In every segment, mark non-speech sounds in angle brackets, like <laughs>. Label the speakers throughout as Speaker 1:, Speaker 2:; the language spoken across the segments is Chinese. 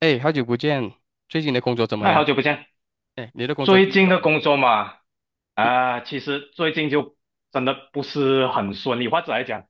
Speaker 1: 哎，好久不见，最近的工作怎么
Speaker 2: 哎，好
Speaker 1: 样？
Speaker 2: 久不见！
Speaker 1: 哎，你的工作
Speaker 2: 最
Speaker 1: 最近
Speaker 2: 近
Speaker 1: 怎
Speaker 2: 的
Speaker 1: 么样？
Speaker 2: 工作嘛，啊，其实最近就真的不是很顺利，或者来讲，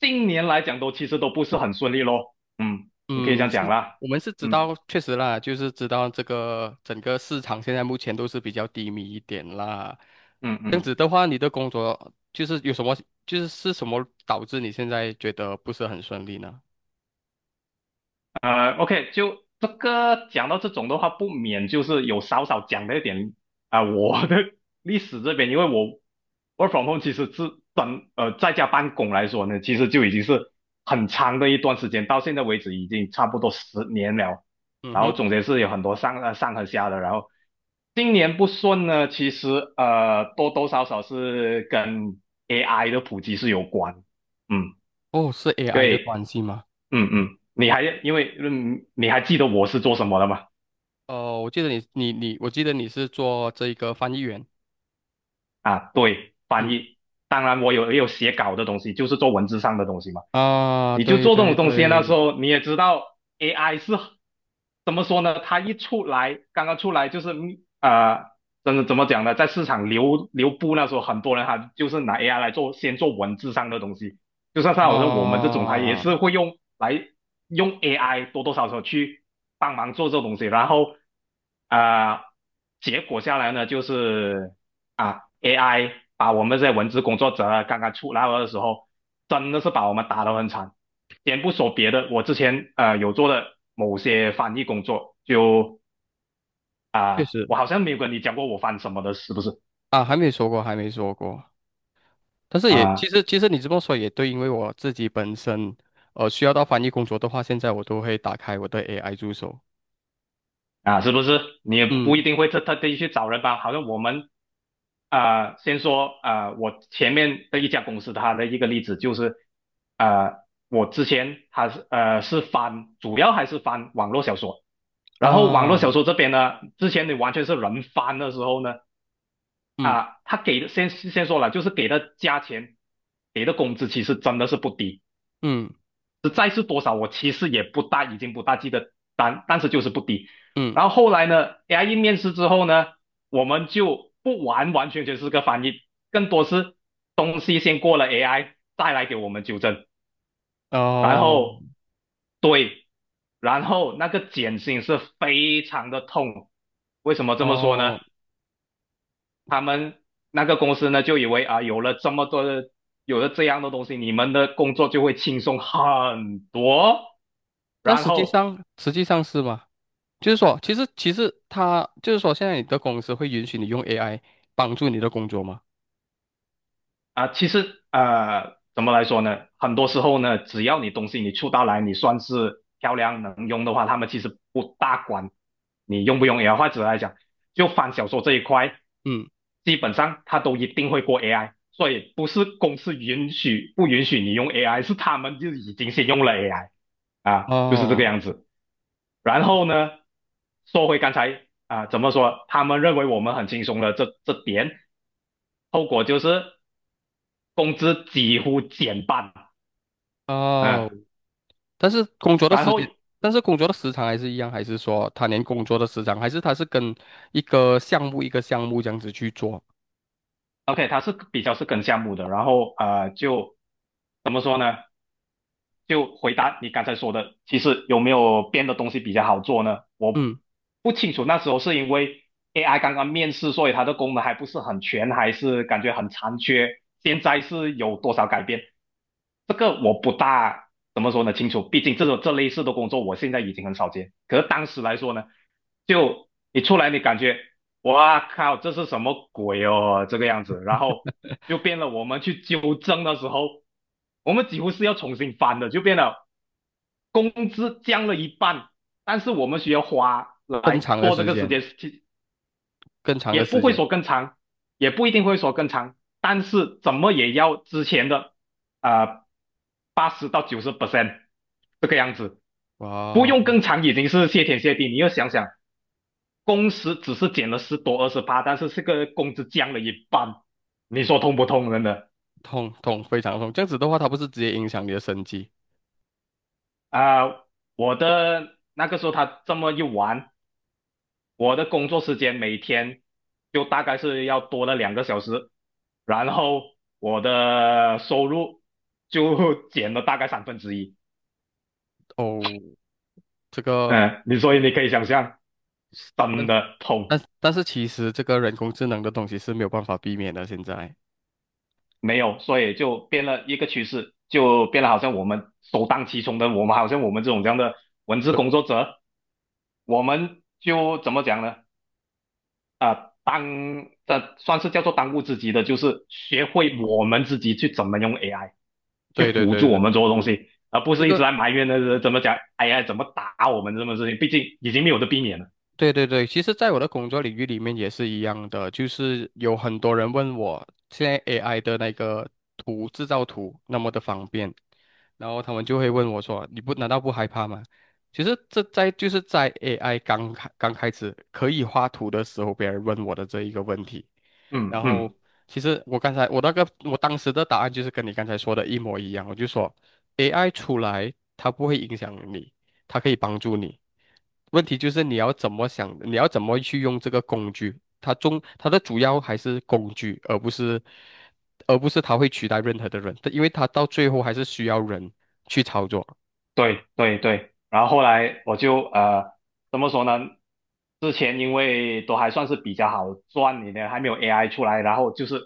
Speaker 2: 近年来讲都其实都不是很顺利咯。嗯，你可以这
Speaker 1: 嗯，
Speaker 2: 样讲
Speaker 1: 是
Speaker 2: 啦。
Speaker 1: 我们是知
Speaker 2: 嗯
Speaker 1: 道，确实啦，就是知道这个整个市场现在目前都是比较低迷一点啦。
Speaker 2: 嗯
Speaker 1: 这样
Speaker 2: 嗯。
Speaker 1: 子的话，你的工作就是有什么，就是是什么导致你现在觉得不是很顺利呢？
Speaker 2: OK，就这个讲到这种的话，不免就是有少少讲到一点我的 <laughs> 历史这边，因为我 其实是在家办公来说呢，其实就已经是很长的一段时间，到现在为止已经差不多10年了。
Speaker 1: 嗯
Speaker 2: 然后
Speaker 1: 哼。
Speaker 2: 总结是有很多上和下的，然后今年不顺呢，其实多多少少是跟 AI 的普及是有关，嗯，
Speaker 1: 哦，是 AI 的
Speaker 2: 对，
Speaker 1: 关系吗？
Speaker 2: 嗯嗯，你还因为嗯你还记得我是做什么的吗？
Speaker 1: 哦，我记得你，我记得你是做这个翻译员。
Speaker 2: 啊，对，翻
Speaker 1: 嗯
Speaker 2: 译。当然，我也有写稿的东西，就是做文字上的东西嘛。
Speaker 1: 啊，
Speaker 2: 你就
Speaker 1: 对
Speaker 2: 做这
Speaker 1: 对
Speaker 2: 种东西，那时
Speaker 1: 对，
Speaker 2: 候你也知道，AI 是怎么说呢？它一出来，刚刚出来就是呃，真的怎么讲呢？在市场流布那时候，很多人他就是拿 AI 来做，先做文字上的东西。就像我说我们这种，他也
Speaker 1: 啊，
Speaker 2: 是会用来用 AI 多多少少去帮忙做这东西，然后啊、呃结果下来呢，就是啊，AI 把我们这些文字工作者啊刚刚出来的时候，真的是把我们打得很惨。先不说别的，我之前有做的某些翻译工作，就
Speaker 1: 确实
Speaker 2: 我好像没有跟你讲过我翻什么的，是不是
Speaker 1: 啊，还没说过，还没说过。但是也其
Speaker 2: 啊？
Speaker 1: 实其实你这么说也对，因为我自己本身需要到翻译工作的话，现在我都会打开我的 AI 助手。
Speaker 2: 啊，是不是？你也不
Speaker 1: 嗯
Speaker 2: 一定会特地去找人吧？好像我们先说我前面的一家公司，它的一个例子就是，呃，我之前它是翻，主要还是翻网络小说，然后网络
Speaker 1: 啊，
Speaker 2: 小说这边呢，之前你完全是人翻的时候呢，
Speaker 1: 嗯
Speaker 2: 他给的先说了，就是给的价钱，给的工资其实真的是不低。
Speaker 1: 嗯
Speaker 2: 实在是多少我其实也不大，已经不大记得，但是就是不低。
Speaker 1: 嗯，
Speaker 2: 然后后来呢，AI 面试之后呢，我们就不完完全全是个翻译，更多是东西先过了 AI，再来给我们纠正。然
Speaker 1: 哦
Speaker 2: 后对，然后那个减薪是非常的痛。为什么这么说呢？
Speaker 1: 哦，
Speaker 2: 那个公司呢就以为啊，有了这么多的，有了这样的东西，你们的工作就会轻松很多。
Speaker 1: 但
Speaker 2: 然
Speaker 1: 实际
Speaker 2: 后
Speaker 1: 上实际上是吗？就是说，其实它就是说，现在你的公司会允许你用 AI 帮助你的工作吗？
Speaker 2: 啊，其实怎么来说呢？很多时候呢，只要你东西你出到来，你算是漂亮能用的话，他们其实不大管你用不用 AI。或者来讲，就翻小说这一块，
Speaker 1: 嗯，
Speaker 2: 基本上他都一定会过 AI，所以不是公司允许不允许你用 AI，是他们就已经先用了 AI 啊，就是这个
Speaker 1: 哦
Speaker 2: 样子。然后呢，说回刚才怎么说？他们认为我们很轻松的这点，后果就是工资几乎减半。
Speaker 1: 哦，
Speaker 2: 嗯，
Speaker 1: 但是工作的
Speaker 2: 然
Speaker 1: 时
Speaker 2: 后
Speaker 1: 间，但是工作的时长还是一样，还是说他连工作的时长，还是他是跟一个项目一个项目这样子去做？
Speaker 2: OK，他是比较是跟项目的，然后就怎么说呢？就回答你刚才说的，其实有没有编的东西比较好做呢？我
Speaker 1: 嗯，
Speaker 2: 不清楚，那时候是因为 AI 刚刚面世，所以它的功能还不是很全，还是感觉很残缺。现在是有多少改变？这个我不大怎么说呢清楚，毕竟这类似的工作我现在已经很少见。可是当时来说呢，就你出来你感觉哇靠，这是什么鬼哦？这个样子，然后就变了。我们去纠正的时候，我们几乎是要重新翻的，就变了工资降了一半，但是我们需要花
Speaker 1: 更
Speaker 2: 来
Speaker 1: 长的
Speaker 2: 做这
Speaker 1: 时
Speaker 2: 个时
Speaker 1: 间，
Speaker 2: 间，
Speaker 1: 更长
Speaker 2: 也
Speaker 1: 的
Speaker 2: 不
Speaker 1: 时
Speaker 2: 会
Speaker 1: 间，
Speaker 2: 说更长，也不一定会说更长，但是怎么也要之前的啊80%到90% 这个样子，
Speaker 1: 哇
Speaker 2: 不
Speaker 1: 哦，
Speaker 2: 用更长已经是谢天谢地。你要想想。工时只是减了十多二十八，但是这个工资降了一半，你说痛不痛？真的
Speaker 1: 痛痛非常痛，这样子的话，它不是直接影响你的生计？
Speaker 2: 啊、呃我的那个时候他这么一玩，我的工作时间每天就大概是要多了2个小时，然后我的收入就减了大概1/3。
Speaker 1: 哦，这个，
Speaker 2: 嗯，你所以你可以想象，
Speaker 1: 但
Speaker 2: 真的痛
Speaker 1: 但是其实这个人工智能的东西是没有办法避免的，现在。
Speaker 2: 没有，所以就变了一个趋势，就变了好像我们首当其冲的，我们好像我们这种这样的文字工作者。我们就怎么讲呢？当这算是叫做当务之急的，就是学会我们自己去怎么用 AI 去
Speaker 1: 对对
Speaker 2: 辅助
Speaker 1: 对
Speaker 2: 我
Speaker 1: 对
Speaker 2: 们
Speaker 1: 对，
Speaker 2: 做的东西，而不
Speaker 1: 这
Speaker 2: 是一直
Speaker 1: 个
Speaker 2: 在埋怨的怎么讲 AI 怎么打我们这么事情，毕竟已经没有的避免了。
Speaker 1: 对对对，其实在我的工作领域里面也是一样的，就是有很多人问我现在 AI 的那个图制造图那么的方便，然后他们就会问我说：“你不难道不害怕吗？”其实这在就是在 AI 刚开始可以画图的时候，别人问我的这一个问题。
Speaker 2: 嗯
Speaker 1: 然
Speaker 2: 嗯。
Speaker 1: 后其实我刚才我那个我当时的答案就是跟你刚才说的一模一样，我就说 AI 出来它不会影响你，它可以帮助你。问题就是你要怎么想，你要怎么去用这个工具。它的主要还是工具，而不是它会取代任何的人，因为它到最后还是需要人去操作。
Speaker 2: 对对对，然后后来我就怎么说呢？之前因为都还算是比较好赚一点，还没有 AI 出来，然后就是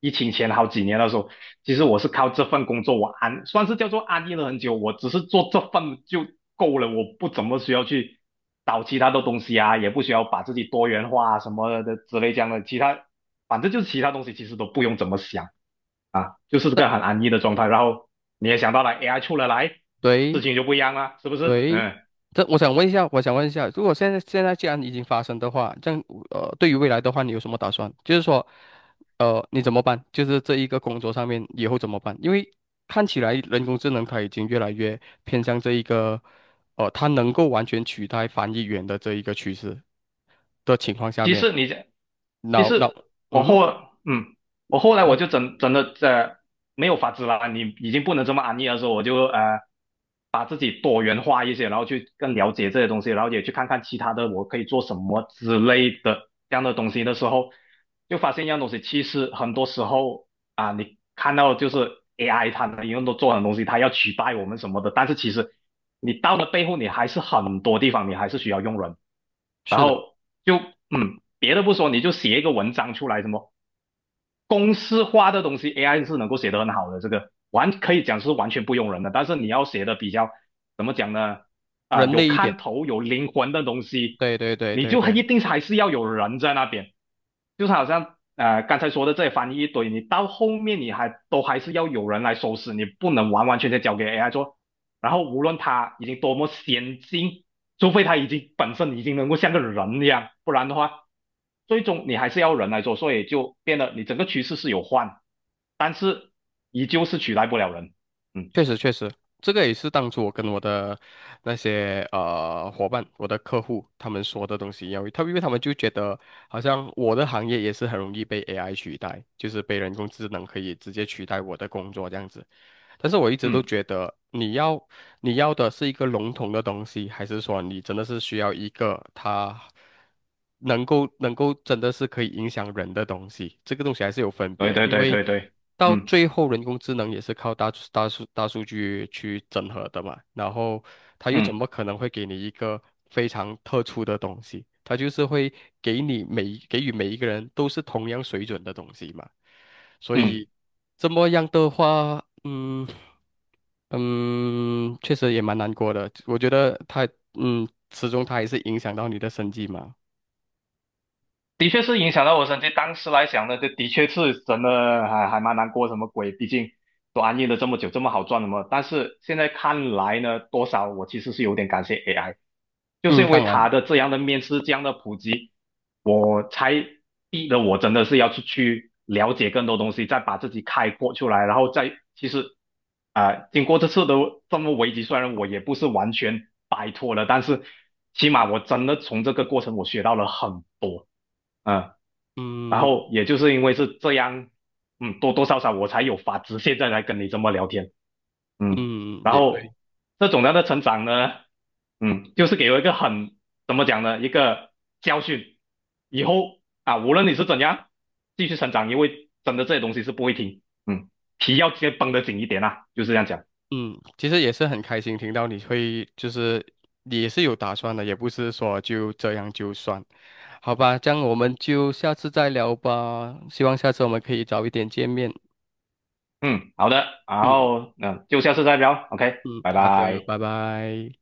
Speaker 2: 疫情前好几年的时候，其实我是靠这份工作算是叫做安逸了很久，我只是做这份就够了，我不怎么需要去找其他的东西啊，也不需要把自己多元化啊什么的之类这样的，反正就是其他东西其实都不用怎么想。就是这个很安逸的状态。然后你也想到了 AI 出了来，事
Speaker 1: 对，
Speaker 2: 情就不一样了，是不是？
Speaker 1: 对，
Speaker 2: 嗯，
Speaker 1: 这我想问一下，我想问一下，如果现在既然已经发生的话，这样对于未来的话，你有什么打算？就是说，你怎么办？就是这一个工作上面以后怎么办？因为看起来人工智能它已经越来越偏向这一个，它能够完全取代翻译员的这一个趋势的情况下
Speaker 2: 其
Speaker 1: 面，
Speaker 2: 实你这，其
Speaker 1: 脑脑，
Speaker 2: 实我
Speaker 1: 嗯，
Speaker 2: 后，嗯，我后
Speaker 1: 你
Speaker 2: 来我
Speaker 1: 说
Speaker 2: 就真的没有法子了，你已经不能这么安逸的时候，我就把自己多元化一些，然后去更了解这些东西，然后也去看看其他的我可以做什么之类的这样的东西的时候，就发现一样东西，其实很多时候。啊，你看到就是 AI 它能用都做很多东西，它要取代我们什么的，但是其实你到了背后，你还是很多地方你还是需要用人。然
Speaker 1: 是的，
Speaker 2: 后就别的不说，你就写一个文章出来什么公式化的东西，AI 是能够写得很好的，这个可以讲是完全不用人的。但是你要写的比较怎么讲呢？
Speaker 1: 人
Speaker 2: 有
Speaker 1: 类一
Speaker 2: 看
Speaker 1: 点，
Speaker 2: 头、有灵魂的东西，
Speaker 1: 对对对
Speaker 2: 你
Speaker 1: 对
Speaker 2: 就一
Speaker 1: 对。
Speaker 2: 定还是要有人在那边。就是好像刚才说的这些翻译一堆，你到后面你都还是要有人来收拾，你不能完完全全交给 AI 做。然后无论它已经多么先进，除非他本身已经能够像个人一样，不然的话，最终你还是要人来做，所以就变得你整个趋势是有换，依旧是取代不了人。嗯
Speaker 1: 确实，确实，这个也是当初我跟我的那些伙伴、我的客户他们说的东西一样，他们因为他们就觉得好像我的行业也是很容易被 AI 取代，就是被人工智能可以直接取代我的工作这样子。但是我一直都
Speaker 2: 嗯，
Speaker 1: 觉得，你要的是一个笼统的东西，还是说你真的是需要一个它能够真的是可以影响人的东西？这个东西还是有分
Speaker 2: 对
Speaker 1: 别，
Speaker 2: 对
Speaker 1: 因
Speaker 2: 对
Speaker 1: 为
Speaker 2: 对对，
Speaker 1: 到
Speaker 2: 嗯
Speaker 1: 最后人工智能也是靠大数据去整合的嘛，然后它又怎
Speaker 2: 嗯
Speaker 1: 么可能会给你一个非常特殊的东西？它就是会给予每一个人都是同样水准的东西嘛。所
Speaker 2: 嗯，
Speaker 1: 以这么样的话，嗯嗯，确实也蛮难过的。我觉得它，嗯，始终它还是影响到你的生计嘛。
Speaker 2: 的确是影响到我身体。当时来讲呢，这的确是真的还蛮难过，什么鬼？毕竟都安逸了这么久，这么好赚的嘛。但是现在看来呢，多少我其实是有点感谢 AI，就是
Speaker 1: 嗯，
Speaker 2: 因为
Speaker 1: 当
Speaker 2: 它
Speaker 1: 然，
Speaker 2: 的这样的面试，这样的普及。我才逼得我真的是要出去了解更多东西，再把自己开阔出来，然后再其实经过这次的这么危机，虽然我也不是完全摆脱了，但是起码我真的从这个过程我学到了很多，嗯，然
Speaker 1: 嗯
Speaker 2: 后也就是因为是这样，嗯，多多少少我才有法子现在来跟你这么聊天。嗯，
Speaker 1: 嗯，
Speaker 2: 然
Speaker 1: 也对，
Speaker 2: 后这种样的成长呢，嗯，就是给我一个很怎么讲呢，一个教训。以后啊，无论你是怎样继续成长，因为真的这些东西是不会停，嗯，皮要先绷得紧一点啊，就是这样讲。
Speaker 1: 嗯，其实也是很开心听到你会，就是你也是有打算的，也不是说就这样就算，好吧？这样我们就下次再聊吧。希望下次我们可以早一点见面。
Speaker 2: 嗯，好的，然
Speaker 1: 嗯
Speaker 2: 后嗯，就下次再聊，OK，
Speaker 1: 嗯，
Speaker 2: 拜
Speaker 1: 好的，
Speaker 2: 拜。
Speaker 1: 拜拜。